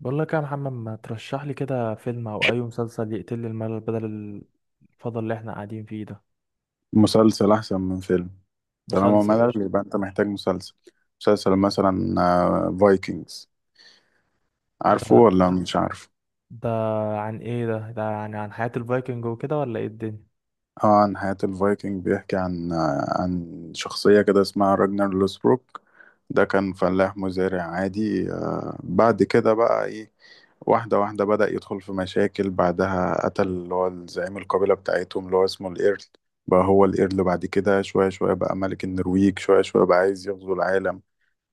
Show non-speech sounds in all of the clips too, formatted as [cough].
بقول لك يا محمد، ما ترشح لي كده فيلم او اي مسلسل يقتل لي الملل بدل الفضل اللي احنا قاعدين فيه ده؟ مسلسل أحسن من فيلم. طالما مسلسل ملل قشطة. يبقى أنت محتاج مسلسل. مسلسل مثلا فايكنجز. عارفه ده ولا مش عارفه؟ ده عن ايه؟ ده يعني عن حياة الفايكنج وكده ولا ايه الدنيا؟ اه، عن حياة الفايكنج بيحكي عن عن شخصية كده اسمها راجنر لوسبروك. ده كان فلاح مزارع عادي، بعد كده بقى ايه. واحدة واحدة بدأ يدخل في مشاكل، بعدها قتل اللي هو زعيم القبيلة بتاعتهم اللي هو اسمه الإيرل. بقى هو الإيرل بعد كده، شوية شوية بقى ملك النرويج، شوية شوية بقى عايز يغزو العالم.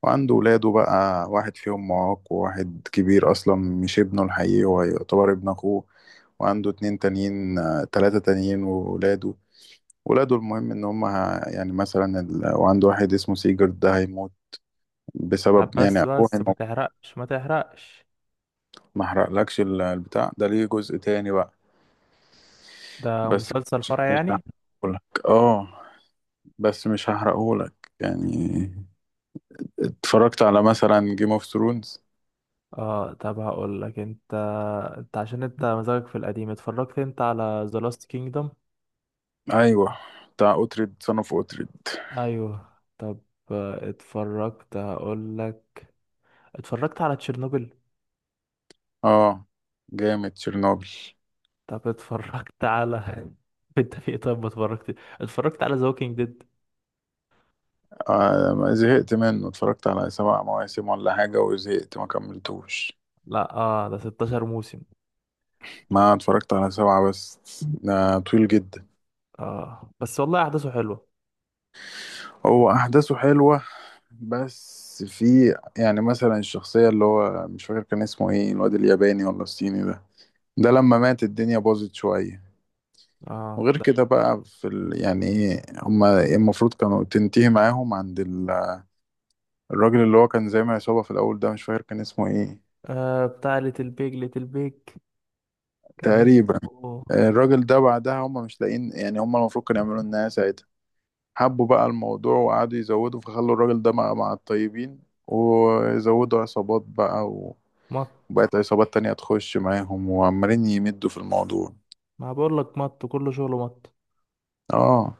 وعنده ولاده بقى، واحد فيهم معاق، وواحد كبير أصلا مش ابنه الحقيقي، هو يعتبر ابن أخوه. وعنده اتنين تانيين، تلاتة تانيين وولاده. ولاده المهم إن هم يعني مثلا وعنده واحد اسمه سيجرد ده هيموت طب بسبب يعني بس أخوه بس ما هيموت. تحرقش، ما تحرقش. ما أحرقلكش البتاع ده، ليه جزء تاني بقى. ده بس مسلسل مش فرع مش يعني؟ هحرقهولك. اه بس مش هحرقهولك يعني. اتفرجت على مثلا جيم اوف ثرونز. اه، طب هقول لك انت عشان انت مزاجك في القديم. اتفرجت انت على ذا لاست كينجدم؟ ايوه، بتاع اوتريد، صنف اوتريد. ايوه. طب اتفرجت. هقول لك، اتفرجت على تشيرنوبل؟ اه، جامد تشيرنوبل. طب اتفرجت على [laughs] انت في ايه طيب؟ ما اتفرجت. اتفرجت على ذا ووكينج ديد؟ آه، ما زهقت منه، اتفرجت على سبع مواسم ولا حاجة وزهقت، ما كملتوش. لا اه، ده 16 موسم. ما اتفرجت على سبعة بس، ده طويل جدا. اه بس والله احداثه حلوه. هو أحداثه حلوة، بس في يعني مثلا الشخصية اللي هو مش فاكر كان اسمه ايه، الواد الياباني ولا الصيني ده. ده لما مات الدنيا باظت شوية. اه وغير ده كده بقى في يعني ايه، هما المفروض كانوا تنتهي معاهم عند الراجل اللي هو كان زي ما عصابة في الأول ده، مش فاكر كان اسمه ايه. آه، بتاع ليتل بيج كان تقريبا. اسمه. الراجل ده بعدها، هم مش لاقيين، يعني هم المفروض كانوا يعملوا النهاية ساعتها. حبوا بقى الموضوع وقعدوا يزودوا، فخلوا الراجل ده مع الطيبين، ويزودوا عصابات بقى مط، وبقت عصابات تانية تخش معاهم، وعمالين يمدوا في الموضوع. ما بقول لك مط، كله شغله مط. اه،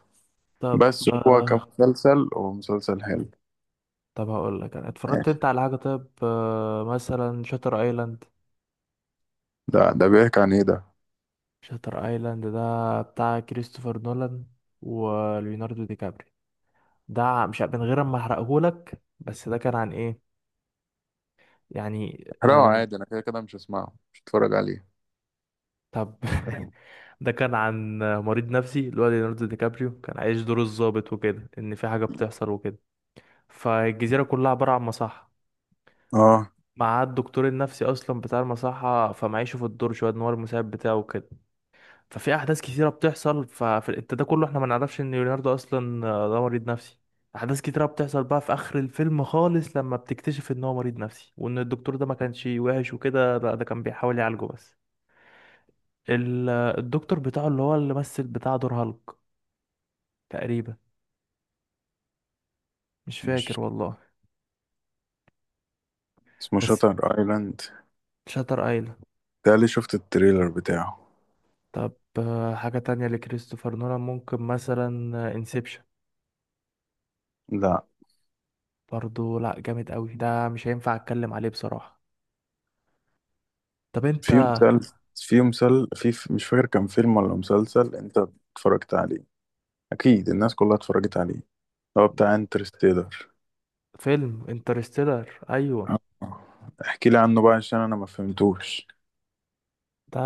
طب بس هو آه. كمسلسل، هو مسلسل حلو. طب هقول لك انا اتفرجت انت على حاجه طيب؟ آه مثلا شاتر ايلاند. ده بيحكي عن ايه ده؟ شاتر ايلاند ده بتاع كريستوفر نولان وليوناردو دي كابري. ده مش من غير ما احرقهولك، بس ده كان عن ايه يعني احرقه آه؟ عادي، انا كده كده مش هسمعه، مش هتفرج عليه. طب [laughs] ده كان عن مريض نفسي. اللي هو ليوناردو دي كابريو كان عايش دور الضابط وكده، ان في حاجه بتحصل وكده. فالجزيره كلها عباره عن مصحه، اه، مع الدكتور النفسي اصلا بتاع المصحه. فمعيشه في الدور شويه ان هو المساعد بتاعه وكده. ففي احداث كتيره بتحصل، ففي انت ده كله احنا ما نعرفش ان ليوناردو اصلا ده مريض نفسي. احداث كتيره بتحصل بقى في اخر الفيلم خالص، لما بتكتشف ان هو مريض نفسي، وان الدكتور ده ما كانش وحش وكده، لا ده كان بيحاول يعالجه. بس ال- الدكتور بتاعه، اللي هو اللي مثل بتاع دور هالك تقريبا، مش مش فاكر والله. اسمه بس شاتر ايلاند؟ شاتر ايلاند. ده اللي شفت التريلر بتاعه. طب حاجة تانية لكريستوفر نولان ممكن مثلا انسبشن. لا. برضو لا، جامد قوي ده، مش هينفع اتكلم عليه بصراحة. طب انت، في مسلسل، في مسل في في- مش فاكر كان فيلم ولا مسلسل، انت اتفرجت عليه، اكيد الناس كلها اتفرجت عليه، هو بتاع ده انترستيلر. فيلم انترستيلر ايوه؟ اه، احكي لي عنه بقى عشان انا ما فهمتوش. ده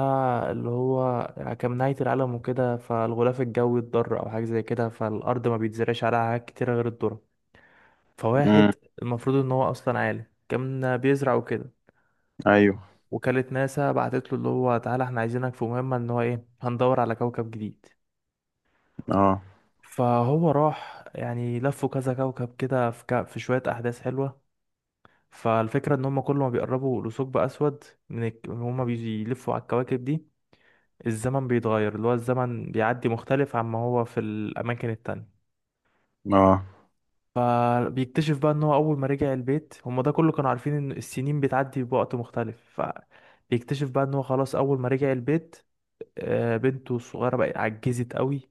اللي هو كان نهاية العالم وكده، فالغلاف الجوي اتضر او حاجة زي كده، فالارض ما بيتزرعش عليها حاجات كتيرة غير الذرة. فواحد امم. المفروض ان هو اصلا عالم، كان بيزرع وكده. ايوه. وكالة ناسا بعتت له اللي هو تعالى احنا عايزينك في مهمة، ان هو ايه هندور على كوكب جديد. اه. فهو راح، يعني لفوا كذا كوكب كده، في، ك... في شوية أحداث حلوة. فالفكرة ان هم كل ما بيقربوا لثقب أسود من الك... هم بيلفوا على الكواكب دي الزمن بيتغير. اللي هو الزمن بيعدي مختلف عما هو في الأماكن التانية. اه. فبيكتشف بقى ان هو اول ما رجع البيت، هما ده كله كانوا عارفين ان السنين بتعدي بوقت مختلف. فبيكتشف بقى ان هو خلاص اول ما رجع البيت، بنته الصغيرة بقت عجزت قوي.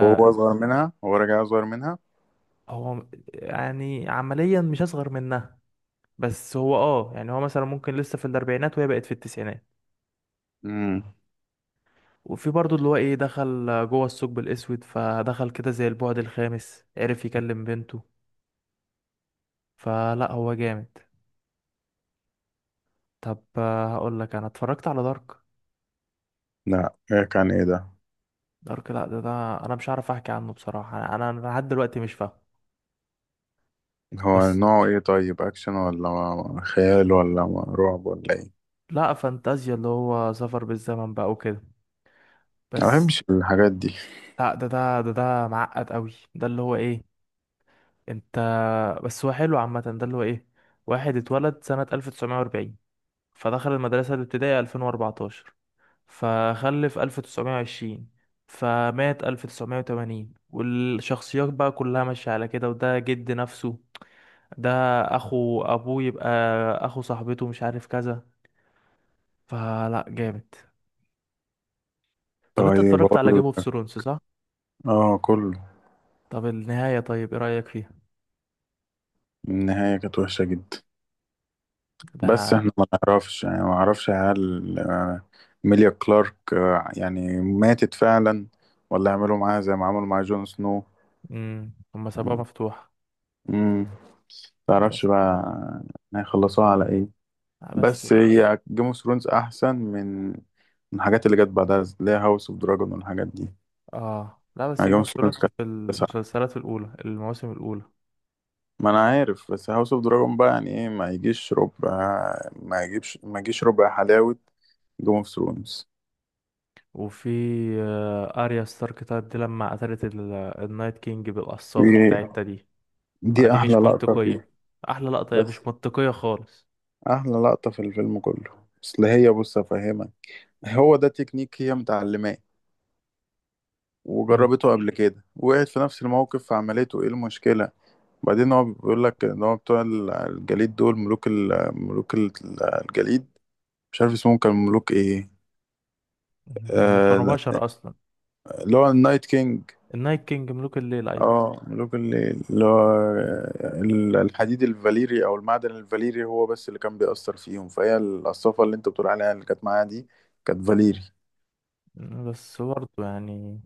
وهو اصغر منها، هو راجع اصغر منها. هو يعني عمليا مش اصغر منها، بس هو اه يعني هو مثلا ممكن لسه في الاربعينات وهي بقت في التسعينات. امم. وفي برضه اللي هو ايه، دخل جوه الثقب الاسود فدخل كده زي البعد الخامس، عرف يكلم بنته. فلا هو جامد. طب هقول لك انا اتفرجت على دارك؟ لا، إيه كان ايه ده؟ دارك لا ده انا مش عارف احكي عنه بصراحة، انا أنا لحد دلوقتي مش فاهم. هو بس نوعه ايه طيب، اكشن ولا خيال ولا رعب ولا ايه؟ لا، فانتازيا، اللي هو سفر بالزمن بقى وكده. ما بس بحبش الحاجات دي. لا، ده معقد قوي، ده اللي هو ايه، انت. بس هو حلو عامة. ده اللي هو ايه، واحد اتولد سنة 1940، فدخل المدرسة الابتدائية 2014، فخلف 1920، فمات 1980، والشخصيات بقى كلها ماشية على كده، وده جد نفسه، ده اخو ابوه يبقى، اخو صاحبته، مش عارف كذا. فلا جامد. طب انت طيب اتفرجت على اقول جيم اوف لك، ثرونز صح؟ اه كله. طب النهاية طيب ايه رأيك فيها؟ النهاية كانت وحشة جدا. بس ده احنا ما نعرفش، يعني ما نعرفش هل ميليا كلارك يعني ماتت فعلا، ولا عملوا معاها زي ما عملوا مع جون سنو. امم، هما سابوها مفتوحة. امم. تعرفش بس، بقى هيخلصوها على ايه. بس بس هي جيم اوف ثرونز احسن من الحاجات اللي جت بعدها، اللي هي هاوس اوف دراجون والحاجات دي. اه لا، بس يعني جيم جيم اوف اوف ثرونز ثرونز كانت في تسعة. المسلسلات الاولى، المواسم الاولى. ما انا عارف، بس هاوس اوف دراجون بقى، يعني ايه، ما يجيش ربع، ما يجيش ربع حلاوة جيم اوف ثرونز. وفي اريا ستارك، طيب دي لما قتلت النايت كينج دي بالقصافة بتاعتها دي، ما دي دي احلى مش لقطة منطقية. فيه. احلى لقطة هي بس مش منطقية خالص. احلى لقطة في الفيلم كله. اصل هي، بص افهمك، هو ده تكنيك هي متعلماه، مم. وجربته قبل كده، وقعت في نفس الموقف فعملته، ايه المشكلة. بعدين هو بيقول لك ان هو بتوع الجليد دول، ملوك الجليد، مش عارف اسمهم كان ملوك ايه، هم كانوا آه، بشر اصلا. اللي هو النايت كينج. النايت كينج ملوك الليل أيوة. اه، ملوك الليل، اللي هو الحديد الفاليري او المعدن الفاليري هو بس اللي كان بيأثر فيهم، فهي القصافة اللي انت بتقول عليها اللي كانت معاها دي كانت فاليري. بس برضه يعني،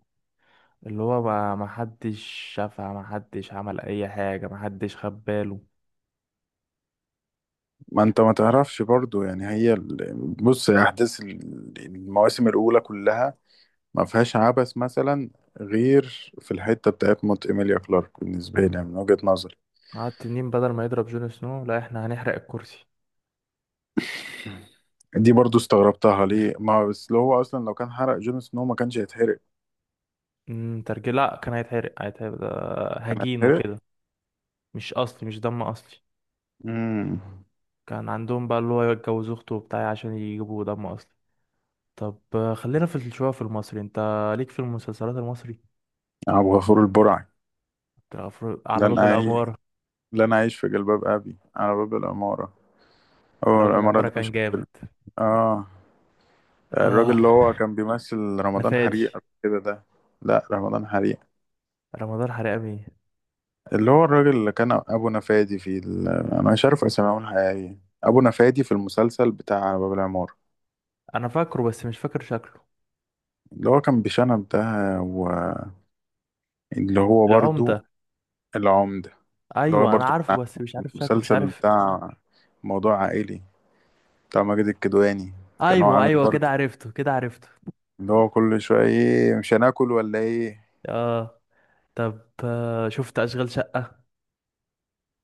اللي هو بقى محدش شافها، محدش عمل أي حاجة، محدش خد باله. ما انت ما تعرفش برضو، يعني هي بص، احداث المواسم الاولى كلها ما فيهاش عبث مثلا، غير في الحته بتاعت موت ايميليا كلارك، بالنسبه لي يعني، من وجهه نظري. قعد تنين بدل ما يضرب جون سنو، لا احنا هنحرق الكرسي. دي برضو استغربتها، ليه ما، بس لو هو اصلا لو كان حرق جون سنو ما كانش هيتحرق. ترجي، لا كان هيتحرق، هيتحرق ده كان هجين هيتحرق. وكده، مش أصلي، مش دم أصلي. امم. كان عندهم بقى اللي هو يتجوز أخته وبتاع عشان يجيبوا دم أصلي. طب خلينا في شوية في المصري. انت ليك في المسلسلات المصري؟ ابو غفور البرعي، بتاع على لن باب اعيش، العمارة. لن اعيش في جلباب ابي، على باب العماره. على هو باب العماره العمارة ده مش كان جامد. هتحرق. اه، الراجل اه اللي هو كان بيمثل انا رمضان فادي، حريق قبل كده ده. لا رمضان حريق. رمضان حرامي. اللي هو الراجل اللي كان ابو نفادي في انا مش عارف اساميهم الحقيقيه، ابو نفادي في المسلسل بتاع باب العمارة، انا فاكره بس مش فاكر شكله. اللي هو كان بشنب ده، واللي هو العمدة، برضو العمدة. اللي هو ايوه برضو انا كان عارفه بس مش عامل عارف شكله، مش المسلسل عارف. بتاع موضوع عائلي بتاع ماجد الكدواني. كان هو ايوه عامل ايوه، كده برضو عرفته، كده عرفته. اللي هو كل شوية، ايه مش هناكل ولا ايه. اه. طب شفت اشغال شقة؟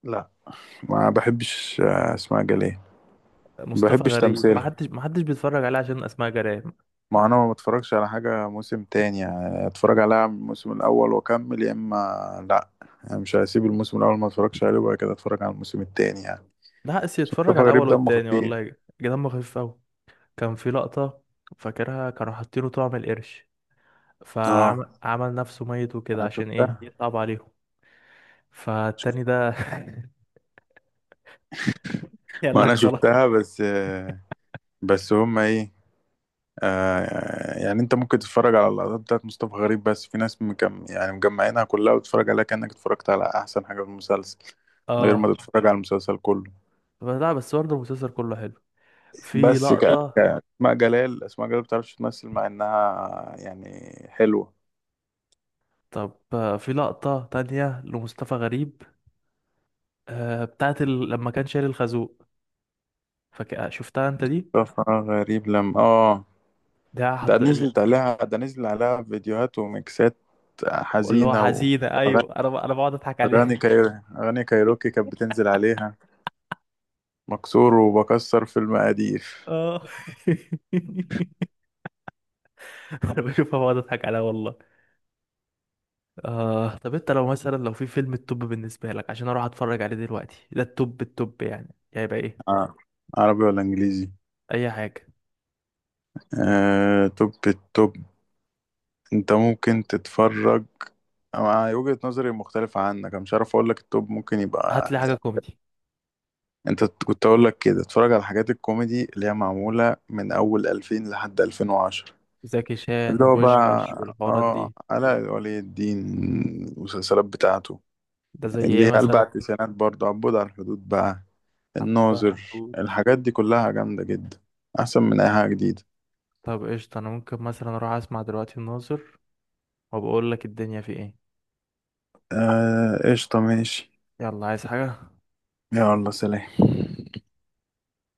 لا، ما بحبش اسماء جلال. ما مصطفى بحبش غريب، ما تمثيل. حدش ما حدش بيتفرج عليه عشان اسماء جلال. ما انا ما بتفرجش على حاجة موسم تاني، يعني اتفرج عليها من الموسم الاول واكمل، يا اما لا، يعني مش هسيب الموسم الاول ما اتفرجش عليه وبعد كده اتفرج على الموسم التاني يعني. ده حقس يتفرج مصطفى على غريب الاول دمه والتاني، خفيف. والله دمه خفيف قوي. كان في لقطة فاكرها، كانوا حاطينه طعم القرش، اه، فعمل نفسه ميت وكده انا عشان ايه، شفتها، يصعب عليهم. شفت. فالتاني ده [laughs] يقول ما انا لك خلاص. شفتها، بس بس هما ايه. آه، يعني انت ممكن تتفرج على اللقطات بتاعت مصطفى غريب بس، في ناس يعني مجمعينها كلها وتتفرج عليها كأنك اتفرجت على احسن حاجة في المسلسل، من غير اه ما تتفرج على المسلسل كله. لا، بس برضه المسلسل كله حلو. في بس لقطة. اسماء جلال بتعرفش تمثل، مع انها يعني حلوة. طب في لقطة تانية لمصطفى غريب، بتاعت ال... لما كان شايل الخازوق، فك... شفتها انت دي؟ طفرة غريب لما ده ده حط... نزلت عليها، ده نزل عليها فيديوهات وميكسات اللي هو حزينة حزينة وأغاني. ايوه. انا ب... انا بقعد اضحك عليها أغاني كايروكي كانت بتنزل عليها، مكسور وبكسر في المقادير. [laughs] اه [laughs] انا بشوفها بقعد اضحك عليها والله. آه طب انت لو مثلا لو في فيلم التوب بالنسبة لك عشان اروح اتفرج عليه دلوقتي، ده التوب التوب يعني، يعني هيبقى ايه؟ آه. عربي ولا إنجليزي؟ اي حاجة. توب التوب. أنت ممكن تتفرج. أنا وجهة نظري مختلفة عنك، أنا مش عارف أقول لك التوب ممكن هات يبقى. لي حاجة كوميدي، انت كنت اقول لك كده، اتفرج على حاجات الكوميدي اللي هي معموله من اول 2000 لحد 2010، زكي شان اللي هو بقى وبوشكاش والحوارات اه دي. علاء ولي الدين، المسلسلات بتاعته ده زي اللي ايه هي اربع مثلا؟ التسعينات، برضه عبود على الحدود بقى، حبة الناظر، حدود. الحاجات دي كلها جامده جدا، احسن من اي حاجه جديده. طب قشطة، أنا ممكن مثلا أروح أسمع دلوقتي الناظر وبقول لك الدنيا في إيه. آه قشطه، ماشي. يلا، عايز حاجة؟ يلا سلام.